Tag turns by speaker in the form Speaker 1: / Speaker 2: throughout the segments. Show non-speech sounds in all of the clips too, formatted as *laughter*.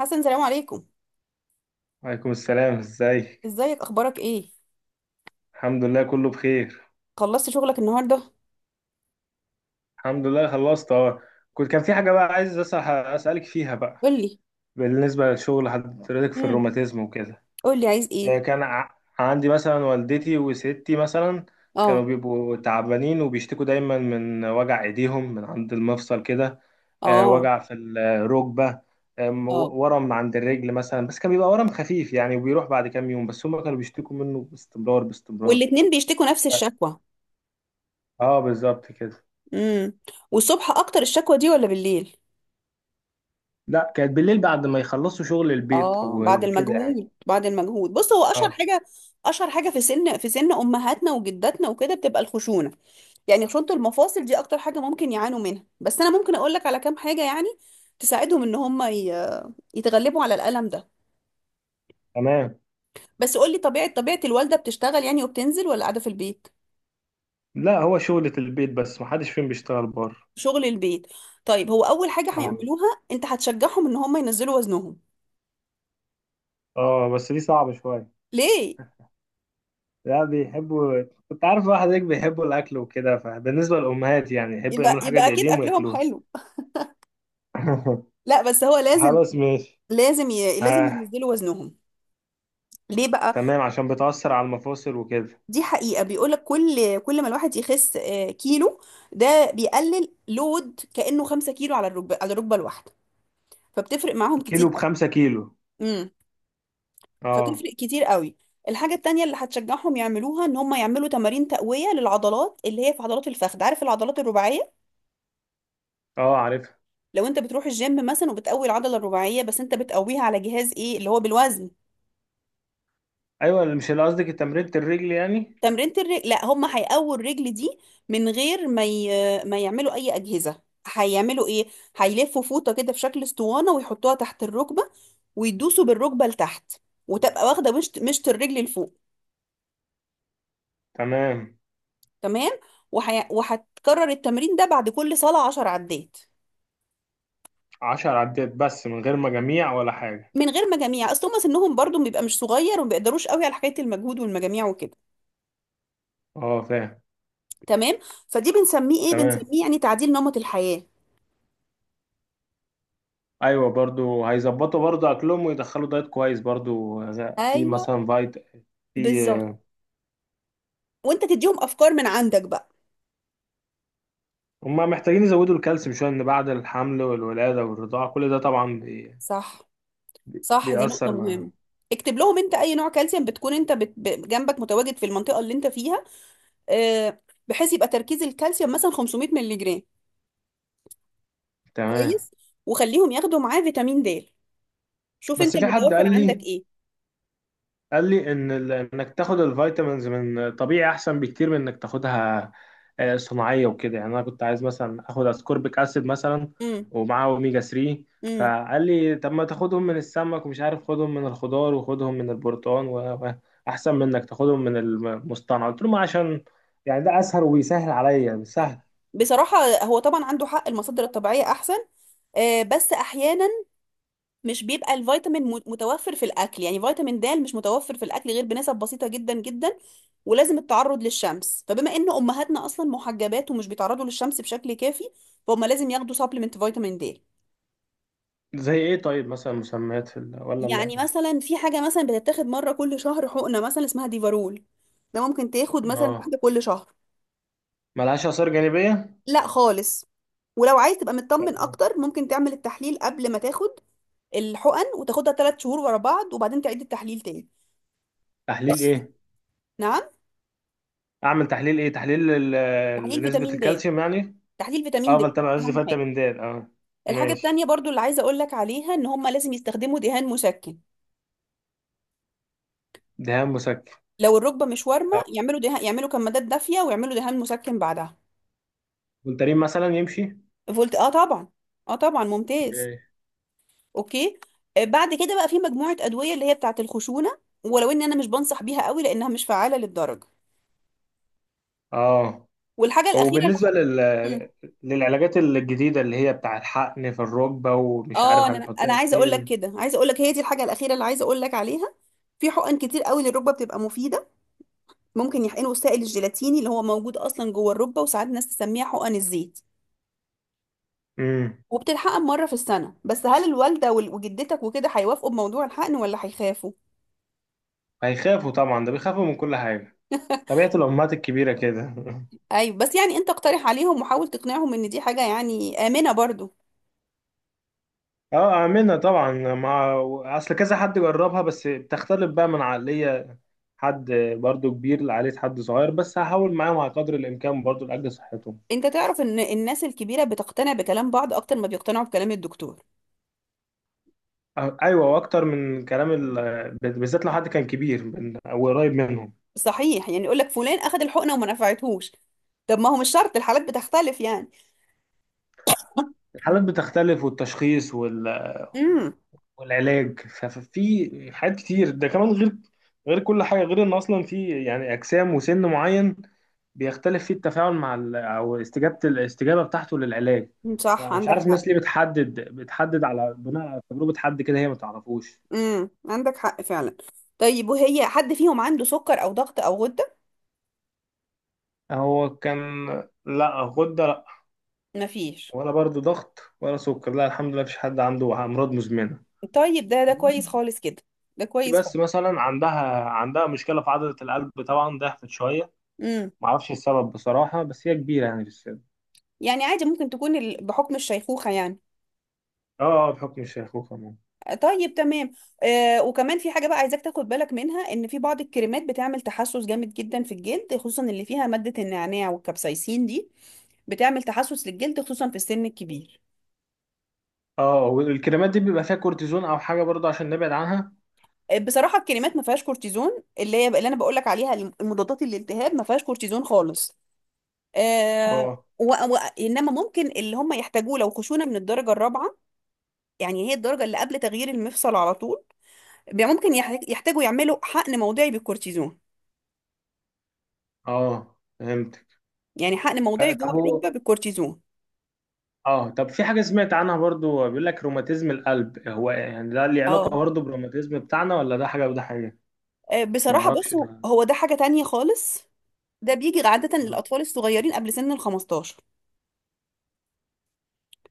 Speaker 1: حسن، سلام عليكم.
Speaker 2: وعليكم السلام، ازيك؟
Speaker 1: ازيك؟ اخبارك ايه؟
Speaker 2: الحمد لله كله بخير.
Speaker 1: خلصت شغلك النهارده؟
Speaker 2: الحمد لله، خلصت اهو. كان في حاجة بقى عايز أسألك فيها بقى.
Speaker 1: قولي.
Speaker 2: بالنسبة للشغل حضرتك في
Speaker 1: امم
Speaker 2: الروماتيزم وكده.
Speaker 1: قولي عايز ايه؟
Speaker 2: كان عندي مثلا والدتي وستي مثلا. كانوا
Speaker 1: اه.
Speaker 2: بيبقوا تعبانين وبيشتكوا دايما من وجع ايديهم من عند المفصل كده.
Speaker 1: اه.
Speaker 2: وجع في الركبة.
Speaker 1: اه.
Speaker 2: ورم عند الرجل مثلا، بس كان بيبقى ورم خفيف يعني وبيروح بعد كام يوم، بس هم كانوا بيشتكوا منه باستمرار باستمرار.
Speaker 1: والاتنين بيشتكوا نفس الشكوى؟
Speaker 2: اه، بالظبط كده.
Speaker 1: امم. والصبح اكتر الشكوى دي ولا بالليل؟
Speaker 2: لا، كانت بالليل بعد ما يخلصوا شغل البيت
Speaker 1: اه،
Speaker 2: و-
Speaker 1: بعد
Speaker 2: وكده يعني.
Speaker 1: المجهود بعد المجهود. بص، هو
Speaker 2: اه،
Speaker 1: اشهر حاجه في سن في سن امهاتنا وجداتنا وكده بتبقى الخشونه. يعني خشونه المفاصل دي اكتر حاجه ممكن يعانوا منها، بس انا ممكن اقول لك على كام حاجه يعني تساعدهم ان هم يتغلبوا على الالم ده.
Speaker 2: تمام.
Speaker 1: بس قولي، طبيعة الوالدة بتشتغل يعني وبتنزل ولا قاعدة في البيت؟
Speaker 2: لا، هو شغلة البيت بس محدش فيهم بيشتغل بره.
Speaker 1: شغل البيت. طيب، هو أول حاجة
Speaker 2: اه.
Speaker 1: هيعملوها أنت هتشجعهم إن هم ينزلوا وزنهم.
Speaker 2: اه، بس دي صعبة شوية.
Speaker 1: ليه؟
Speaker 2: لا، بيحبوا. كنت عارف واحد هيك بيحبوا الأكل وكده، فبالنسبة للأمهات يعني يحبوا
Speaker 1: يبقى
Speaker 2: يعملوا حاجة
Speaker 1: يبقى أكيد
Speaker 2: بإيديهم
Speaker 1: أكلهم
Speaker 2: وياكلوها.
Speaker 1: حلو.
Speaker 2: *laughs*
Speaker 1: لا بس هو لازم.
Speaker 2: خلاص ماشي.
Speaker 1: لازم
Speaker 2: آه،
Speaker 1: ينزلوا وزنهم. ليه بقى؟
Speaker 2: تمام، عشان بتأثر على المفاصل وكده.
Speaker 1: دي حقيقة، بيقولك كل ما الواحد يخس كيلو، ده بيقلل لود كأنه 5 كيلو على الركبة، على الركبة الواحدة، فبتفرق معاهم كتير
Speaker 2: كيلو بخمسة كيلو؟
Speaker 1: قوي.
Speaker 2: اه.
Speaker 1: فتفرق كتير قوي. الحاجة التانية اللي هتشجعهم يعملوها ان هم يعملوا تمارين تقوية للعضلات اللي هي في عضلات الفخذ. عارف العضلات الرباعية؟
Speaker 2: اه، عارفها.
Speaker 1: لو انت بتروح الجيم مثلا وبتقوي العضلة الرباعية، بس انت بتقويها على جهاز ايه اللي هو بالوزن؟
Speaker 2: أيوة، مش اللي قصدك تمرينة الرجل يعني؟
Speaker 1: تمرينة الرجل، لا هم هيقووا الرجل دي من غير ما يعملوا اي أجهزة. هيعملوا ايه؟ هيلفوا فوطة كده في شكل اسطوانة ويحطوها تحت الركبة، ويدوسوا بالركبة لتحت، وتبقى واخدة مشط الرجل لفوق.
Speaker 2: تمام،
Speaker 1: تمام. وهتكرر التمرين ده بعد كل صلاة 10 عدات.
Speaker 2: 10 عدات بس من غير مجاميع ولا حاجة؟
Speaker 1: من غير مجاميع، اصل هم سنهم برضو بيبقى مش صغير وما بيقدروش قوي على حكايه المجهود والمجاميع وكده.
Speaker 2: اه، فاهم.
Speaker 1: تمام. فدي بنسميه ايه؟
Speaker 2: تمام.
Speaker 1: بنسميه يعني تعديل نمط الحياه.
Speaker 2: ايوه، برضو هيظبطوا برضو اكلهم ويدخلوا دايت كويس برضو في
Speaker 1: ايوه.
Speaker 2: مثلا فايت.
Speaker 1: بالظبط.
Speaker 2: في.
Speaker 1: وانت تديهم افكار من عندك بقى.
Speaker 2: هم محتاجين يزودوا الكالسيوم شويه، ان بعد الحمل والولاده والرضاعه كل ده طبعا
Speaker 1: صح. صح، دي نقطه
Speaker 2: بيأثر مع.
Speaker 1: مهمه. اكتب لهم انت اي نوع كالسيوم بتكون انت جنبك متواجد في المنطقه اللي انت فيها. آه، بحيث يبقى تركيز الكالسيوم مثلا 500 مللي جرام.
Speaker 2: تمام.
Speaker 1: كويس. وخليهم ياخدوا معاه فيتامين د. شوف
Speaker 2: بس
Speaker 1: انت
Speaker 2: في حد
Speaker 1: المتوفر
Speaker 2: قال لي
Speaker 1: عندك ايه.
Speaker 2: قال لي ان انك تاخد الفيتامينز من طبيعي احسن بكتير من انك تاخدها صناعيه وكده، يعني انا كنت عايز مثلا اخد اسكوربيك اسيد مثلا
Speaker 1: امم.
Speaker 2: ومعاه اوميجا 3.
Speaker 1: امم.
Speaker 2: فقال لي طب ما تاخدهم من السمك، ومش عارف خدهم من الخضار وخدهم من البرتقال واحسن من انك تاخدهم من المصطنع. قلت له ما عشان يعني ده اسهل وبيسهل عليا مش سهل.
Speaker 1: بصراحة هو طبعا عنده حق، المصادر الطبيعية أحسن. بس أحيانا مش بيبقى الفيتامين متوفر في الأكل. يعني فيتامين د مش متوفر في الأكل غير بنسب بسيطة جدا جدا، ولازم التعرض للشمس، فبما إن أمهاتنا أصلا محجبات ومش بيتعرضوا للشمس بشكل كافي، فهم لازم ياخدوا سبلمنت فيتامين د.
Speaker 2: زي ايه؟ طيب مثلا مسميات في ال ولا
Speaker 1: يعني
Speaker 2: ما.
Speaker 1: مثلا في حاجة مثلا بتتاخد مرة كل شهر حقنة مثلا اسمها ديفارول. ده ممكن تاخد مثلا
Speaker 2: اه،
Speaker 1: واحدة كل شهر.
Speaker 2: ملهاش اثار جانبيه؟
Speaker 1: لا خالص. ولو عايز تبقى مطمن
Speaker 2: طب.
Speaker 1: اكتر ممكن تعمل التحليل قبل ما تاخد الحقن، وتاخدها 3 شهور ورا بعض، وبعدين تعيد التحليل تاني.
Speaker 2: تحليل ايه؟
Speaker 1: *laughs* نعم؟
Speaker 2: اعمل تحليل ايه؟ تحليل
Speaker 1: تحليل
Speaker 2: نسبة
Speaker 1: فيتامين د.
Speaker 2: الكالسيوم يعني؟
Speaker 1: تحليل فيتامين د.
Speaker 2: افضل تبع عز
Speaker 1: اهم حاجه.
Speaker 2: فيتامين د، اه.
Speaker 1: الحاجه
Speaker 2: ماشي.
Speaker 1: التانيه برضو اللي عايزه اقول لك عليها ان هم لازم يستخدموا دهان مسكن.
Speaker 2: دهان مسكن؟
Speaker 1: لو الركبه مش وارمه،
Speaker 2: اه،
Speaker 1: يعملوا دهان، يعملوا كمادات دافيه ويعملوا دهان مسكن بعدها.
Speaker 2: فولتارين مثلا يمشي؟
Speaker 1: فقلت اه طبعا. اه طبعا ممتاز.
Speaker 2: اوكي.
Speaker 1: اوكي. بعد كده بقى في مجموعه ادويه اللي هي بتاعه الخشونه، ولو ان انا مش بنصح بيها قوي لانها مش فعاله للدرجه.
Speaker 2: اه،
Speaker 1: والحاجه الاخيره
Speaker 2: وبالنسبة
Speaker 1: اللي
Speaker 2: للعلاجات الجديدة اللي هي بتاع الحقن في الركبة، ومش
Speaker 1: اه
Speaker 2: عارف
Speaker 1: انا
Speaker 2: هنحطها في
Speaker 1: عايزه اقول لك
Speaker 2: فين؟
Speaker 1: كده، عايزه اقول لك هي دي الحاجه الاخيره اللي عايزه اقول لك عليها. في حقن كتير قوي للركبه بتبقى مفيده. ممكن يحقنوا السائل الجيلاتيني اللي هو موجود اصلا جوه الركبه، وساعات ناس تسميها حقن الزيت،
Speaker 2: امم
Speaker 1: وبتتحقن مره في السنه. بس هل الوالده وجدتك وكده هيوافقوا بموضوع الحقن ولا هيخافوا؟
Speaker 2: هيخافوا طبعا، ده بيخافوا من كل حاجة. طبيعة الأمهات الكبيرة كده. *laughs*
Speaker 1: ايوه، بس يعني انت اقترح عليهم وحاول تقنعهم ان دي حاجه يعني امنه برضو.
Speaker 2: اه، اعملها طبعا مع. اصل كذا حد جربها، بس بتختلف بقى من عقلية حد برضو كبير لعقلية حد صغير، بس هحاول معاهم على قدر الامكان برضو لاجل صحتهم.
Speaker 1: انت تعرف ان الناس الكبيره بتقتنع بكلام بعض اكتر ما بيقتنعوا بكلام الدكتور.
Speaker 2: أه، ايوه، واكتر من كلام ال، بالذات لو حد كان كبير من، او قريب منهم.
Speaker 1: صحيح يعني، يقول لك فلان اخذ الحقنه وما نفعتهوش. طب ما هو مش شرط، الحالات بتختلف يعني.
Speaker 2: الحالات بتختلف والتشخيص وال
Speaker 1: امم.
Speaker 2: والعلاج ففي حاجات كتير ده كمان غير. غير كل حاجة، غير ان اصلا في يعني اجسام وسن معين بيختلف فيه التفاعل مع ال، او الاستجابه بتاعته للعلاج.
Speaker 1: صح،
Speaker 2: فمش
Speaker 1: عندك
Speaker 2: عارف
Speaker 1: حق.
Speaker 2: الناس ليه بتحدد على بناء على تجربه حد كده هي ما تعرفوش.
Speaker 1: امم، عندك حق فعلا. طيب وهي حد فيهم عنده سكر او ضغط او غدة؟
Speaker 2: هو كان، لا غده لا.
Speaker 1: مفيش.
Speaker 2: ولا برضه ضغط ولا سكر، لا الحمد لله مفيش حد عنده امراض مزمنه.
Speaker 1: طيب، ده كويس خالص كده. ده كويس
Speaker 2: بس
Speaker 1: خالص.
Speaker 2: مثلا عندها مشكله في عضله القلب، طبعا ضعفت شويه.
Speaker 1: امم.
Speaker 2: معرفش السبب بصراحه، بس هي كبيره يعني في السن.
Speaker 1: يعني عادي، ممكن تكون بحكم الشيخوخة يعني.
Speaker 2: اه. بحكم الشيخوخه ممكن.
Speaker 1: طيب تمام. آه، وكمان في حاجة بقى عايزاك تاخد بالك منها، ان في بعض الكريمات بتعمل تحسس جامد جدا في الجلد، خصوصا اللي فيها مادة النعناع والكابسايسين. دي بتعمل تحسس للجلد خصوصا في السن الكبير.
Speaker 2: اه، والكريمات دي بيبقى فيها كورتيزون او حاجه برضه عشان نبعد عنها؟
Speaker 1: بصراحه الكريمات ما فيهاش كورتيزون اللي هي اللي انا بقول لك عليها. المضادات للالتهاب ما فيهاش كورتيزون خالص. آه.
Speaker 2: اه.
Speaker 1: انما ممكن اللي هم يحتاجوه لو خشونه من الدرجه الرابعه، يعني هي الدرجه اللي قبل تغيير المفصل على طول، ممكن يحتاجوا يعملوا حقن موضعي بالكورتيزون.
Speaker 2: اه، فهمت.
Speaker 1: يعني حقن موضعي جوه
Speaker 2: طب هو.
Speaker 1: الركبه بالكورتيزون.
Speaker 2: اه، طب في حاجة سمعت عنها برضو، بيقول لك روماتيزم القلب، هو يعني ده ليه
Speaker 1: اه.
Speaker 2: علاقة برضو بالروماتيزم بتاعنا ولا ده حاجة وده حاجة؟ ما
Speaker 1: بصراحه
Speaker 2: اعرفش
Speaker 1: بصوا،
Speaker 2: ده.
Speaker 1: هو ده حاجه تانية خالص. ده بيجي عاده
Speaker 2: اه.
Speaker 1: للاطفال الصغيرين قبل سن ال 15.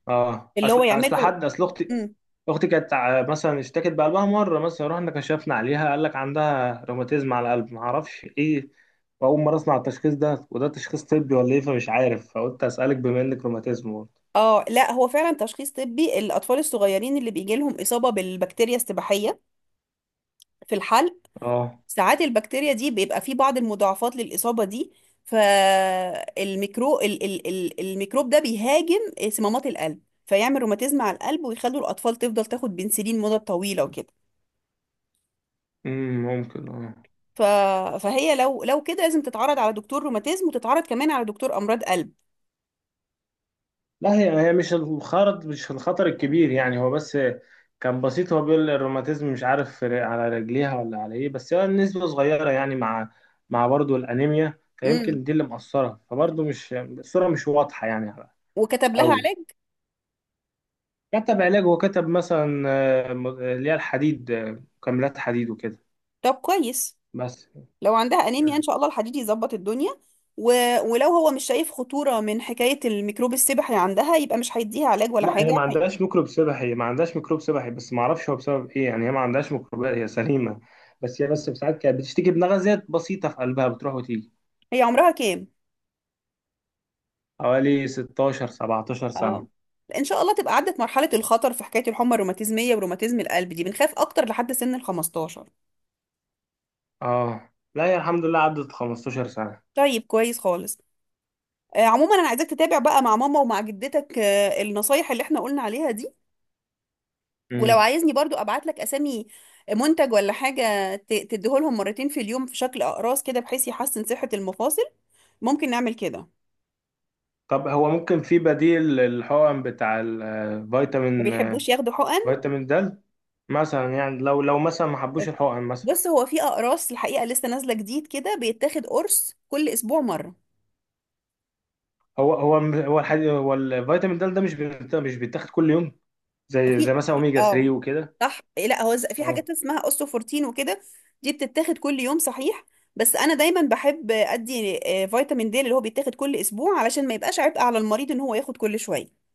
Speaker 2: اه،
Speaker 1: اللي هو
Speaker 2: اصل
Speaker 1: يعملوا.
Speaker 2: حد اصل اختي.
Speaker 1: إمم.
Speaker 2: اختي كانت مثلا اشتكت بقلبها مرة، مثلا رحنا كشفنا عليها، قال لك عندها روماتيزم على القلب، ما اعرفش ايه. واول مرة اسمع التشخيص ده، وده تشخيص طبي ولا ايه فمش عارف، فقلت اسألك بما انك روماتيزم برضه.
Speaker 1: اه لا هو فعلا تشخيص طبي. الاطفال الصغيرين اللي بيجي لهم اصابه بالبكتيريا السباحيه في الحلق،
Speaker 2: اه.
Speaker 1: ساعات البكتيريا دي بيبقى في بعض المضاعفات للاصابه دي. فالميكرو ال ال ال الميكروب ده بيهاجم صمامات القلب فيعمل روماتيزم على القلب، ويخلوا الاطفال تفضل تاخد بنسلين مده طويله وكده.
Speaker 2: ممكن، اه.
Speaker 1: ف... فهي لو كده لازم تتعرض على دكتور روماتيزم وتتعرض كمان على دكتور امراض قلب.
Speaker 2: لا، هي مش الخطر الكبير يعني، هو بس كان بسيط. هو بيقول الروماتيزم مش عارف على رجليها ولا على ايه، بس هي النسبة صغيرة يعني، مع برضه الأنيميا،
Speaker 1: امم.
Speaker 2: فيمكن دي اللي مأثرة، فبرضه مش، الصورة مش واضحة يعني.
Speaker 1: وكتب لها
Speaker 2: قوي.
Speaker 1: علاج.
Speaker 2: كتب علاج، وكتب مثلا اللي هي الحديد، مكملات حديد وكده.
Speaker 1: طب كويس.
Speaker 2: بس.
Speaker 1: لو عندها انيميا ان شاء الله الحديد يظبط الدنيا. و... ولو هو مش شايف خطورة من حكاية الميكروب السبحي عندها يبقى مش هيديها علاج ولا
Speaker 2: لا هي
Speaker 1: حاجة
Speaker 2: ما
Speaker 1: هي.
Speaker 2: عندهاش ميكروب سبحي، هي ما عندهاش ميكروب سبحي، بس ما اعرفش هو بسبب ايه يعني، هي ما عندهاش ميكروبات هي سليمه. بس هي بس ساعات كانت بتشتكي بنغزات بسيطه في قلبها بتروح وتيجي.
Speaker 1: هي عمرها كام؟
Speaker 2: حوالي 16 17 سنه.
Speaker 1: اه. ان شاء الله تبقى عدت مرحلة الخطر. في حكاية الحمى الروماتيزمية وروماتيزم القلب دي بنخاف اكتر لحد سن ال 15.
Speaker 2: اه. لا، هي الحمد لله عدت 15 سنه.
Speaker 1: طيب كويس خالص. آه، عموما انا عايزاك تتابع بقى مع ماما ومع جدتك، النصايح اللي احنا قلنا عليها دي. ولو
Speaker 2: امم
Speaker 1: عايزني برضو ابعت لك اسامي منتج ولا حاجة تديهولهم مرتين في اليوم في شكل اقراص كده بحيث يحسن صحة المفاصل. ممكن نعمل كده.
Speaker 2: طب هو ممكن في بديل للحقن بتاع
Speaker 1: ما
Speaker 2: الفيتامين؟
Speaker 1: بيحبوش ياخدوا حقن.
Speaker 2: فيتامين د. مثلا يعني، لو مثلا ما حبوش الحقن مثلا.
Speaker 1: بص، هو في اقراص الحقيقة لسه نازلة جديد كده، بيتاخد قرص كل اسبوع مرة.
Speaker 2: هو الحديد، هو الفيتامين د ده مش بيتاخد كل يوم. زي مثلا اوميجا 3
Speaker 1: اه
Speaker 2: وكده.
Speaker 1: صح. لا هو في
Speaker 2: اه،
Speaker 1: حاجات اسمها اوستوفورتين وكده. دي بتتاخد كل يوم صحيح، بس انا دايما بحب ادي فيتامين د اللي هو بيتاخد كل اسبوع علشان ما يبقاش عبء على المريض ان هو ياخد كل شوية.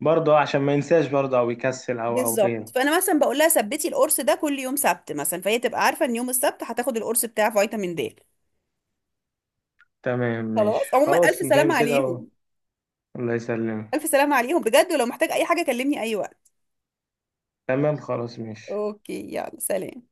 Speaker 2: برضه عشان ما ينساش برضه، او يكسل او
Speaker 1: بالظبط.
Speaker 2: غيره.
Speaker 1: فانا مثلا بقول لها ثبتي القرص ده كل يوم سبت مثلا، فهي تبقى عارفه ان يوم السبت هتاخد القرص بتاع فيتامين د.
Speaker 2: تمام، ماشي،
Speaker 1: خلاص. عموما الف
Speaker 2: خلاص إن
Speaker 1: سلامه
Speaker 2: كان كده.
Speaker 1: عليهم.
Speaker 2: الله يسلمك.
Speaker 1: الف سلامه عليهم بجد، ولو محتاج اي حاجه كلمني اي وقت.
Speaker 2: تمام، خلاص ماشي.
Speaker 1: اوكي. يلا سلام.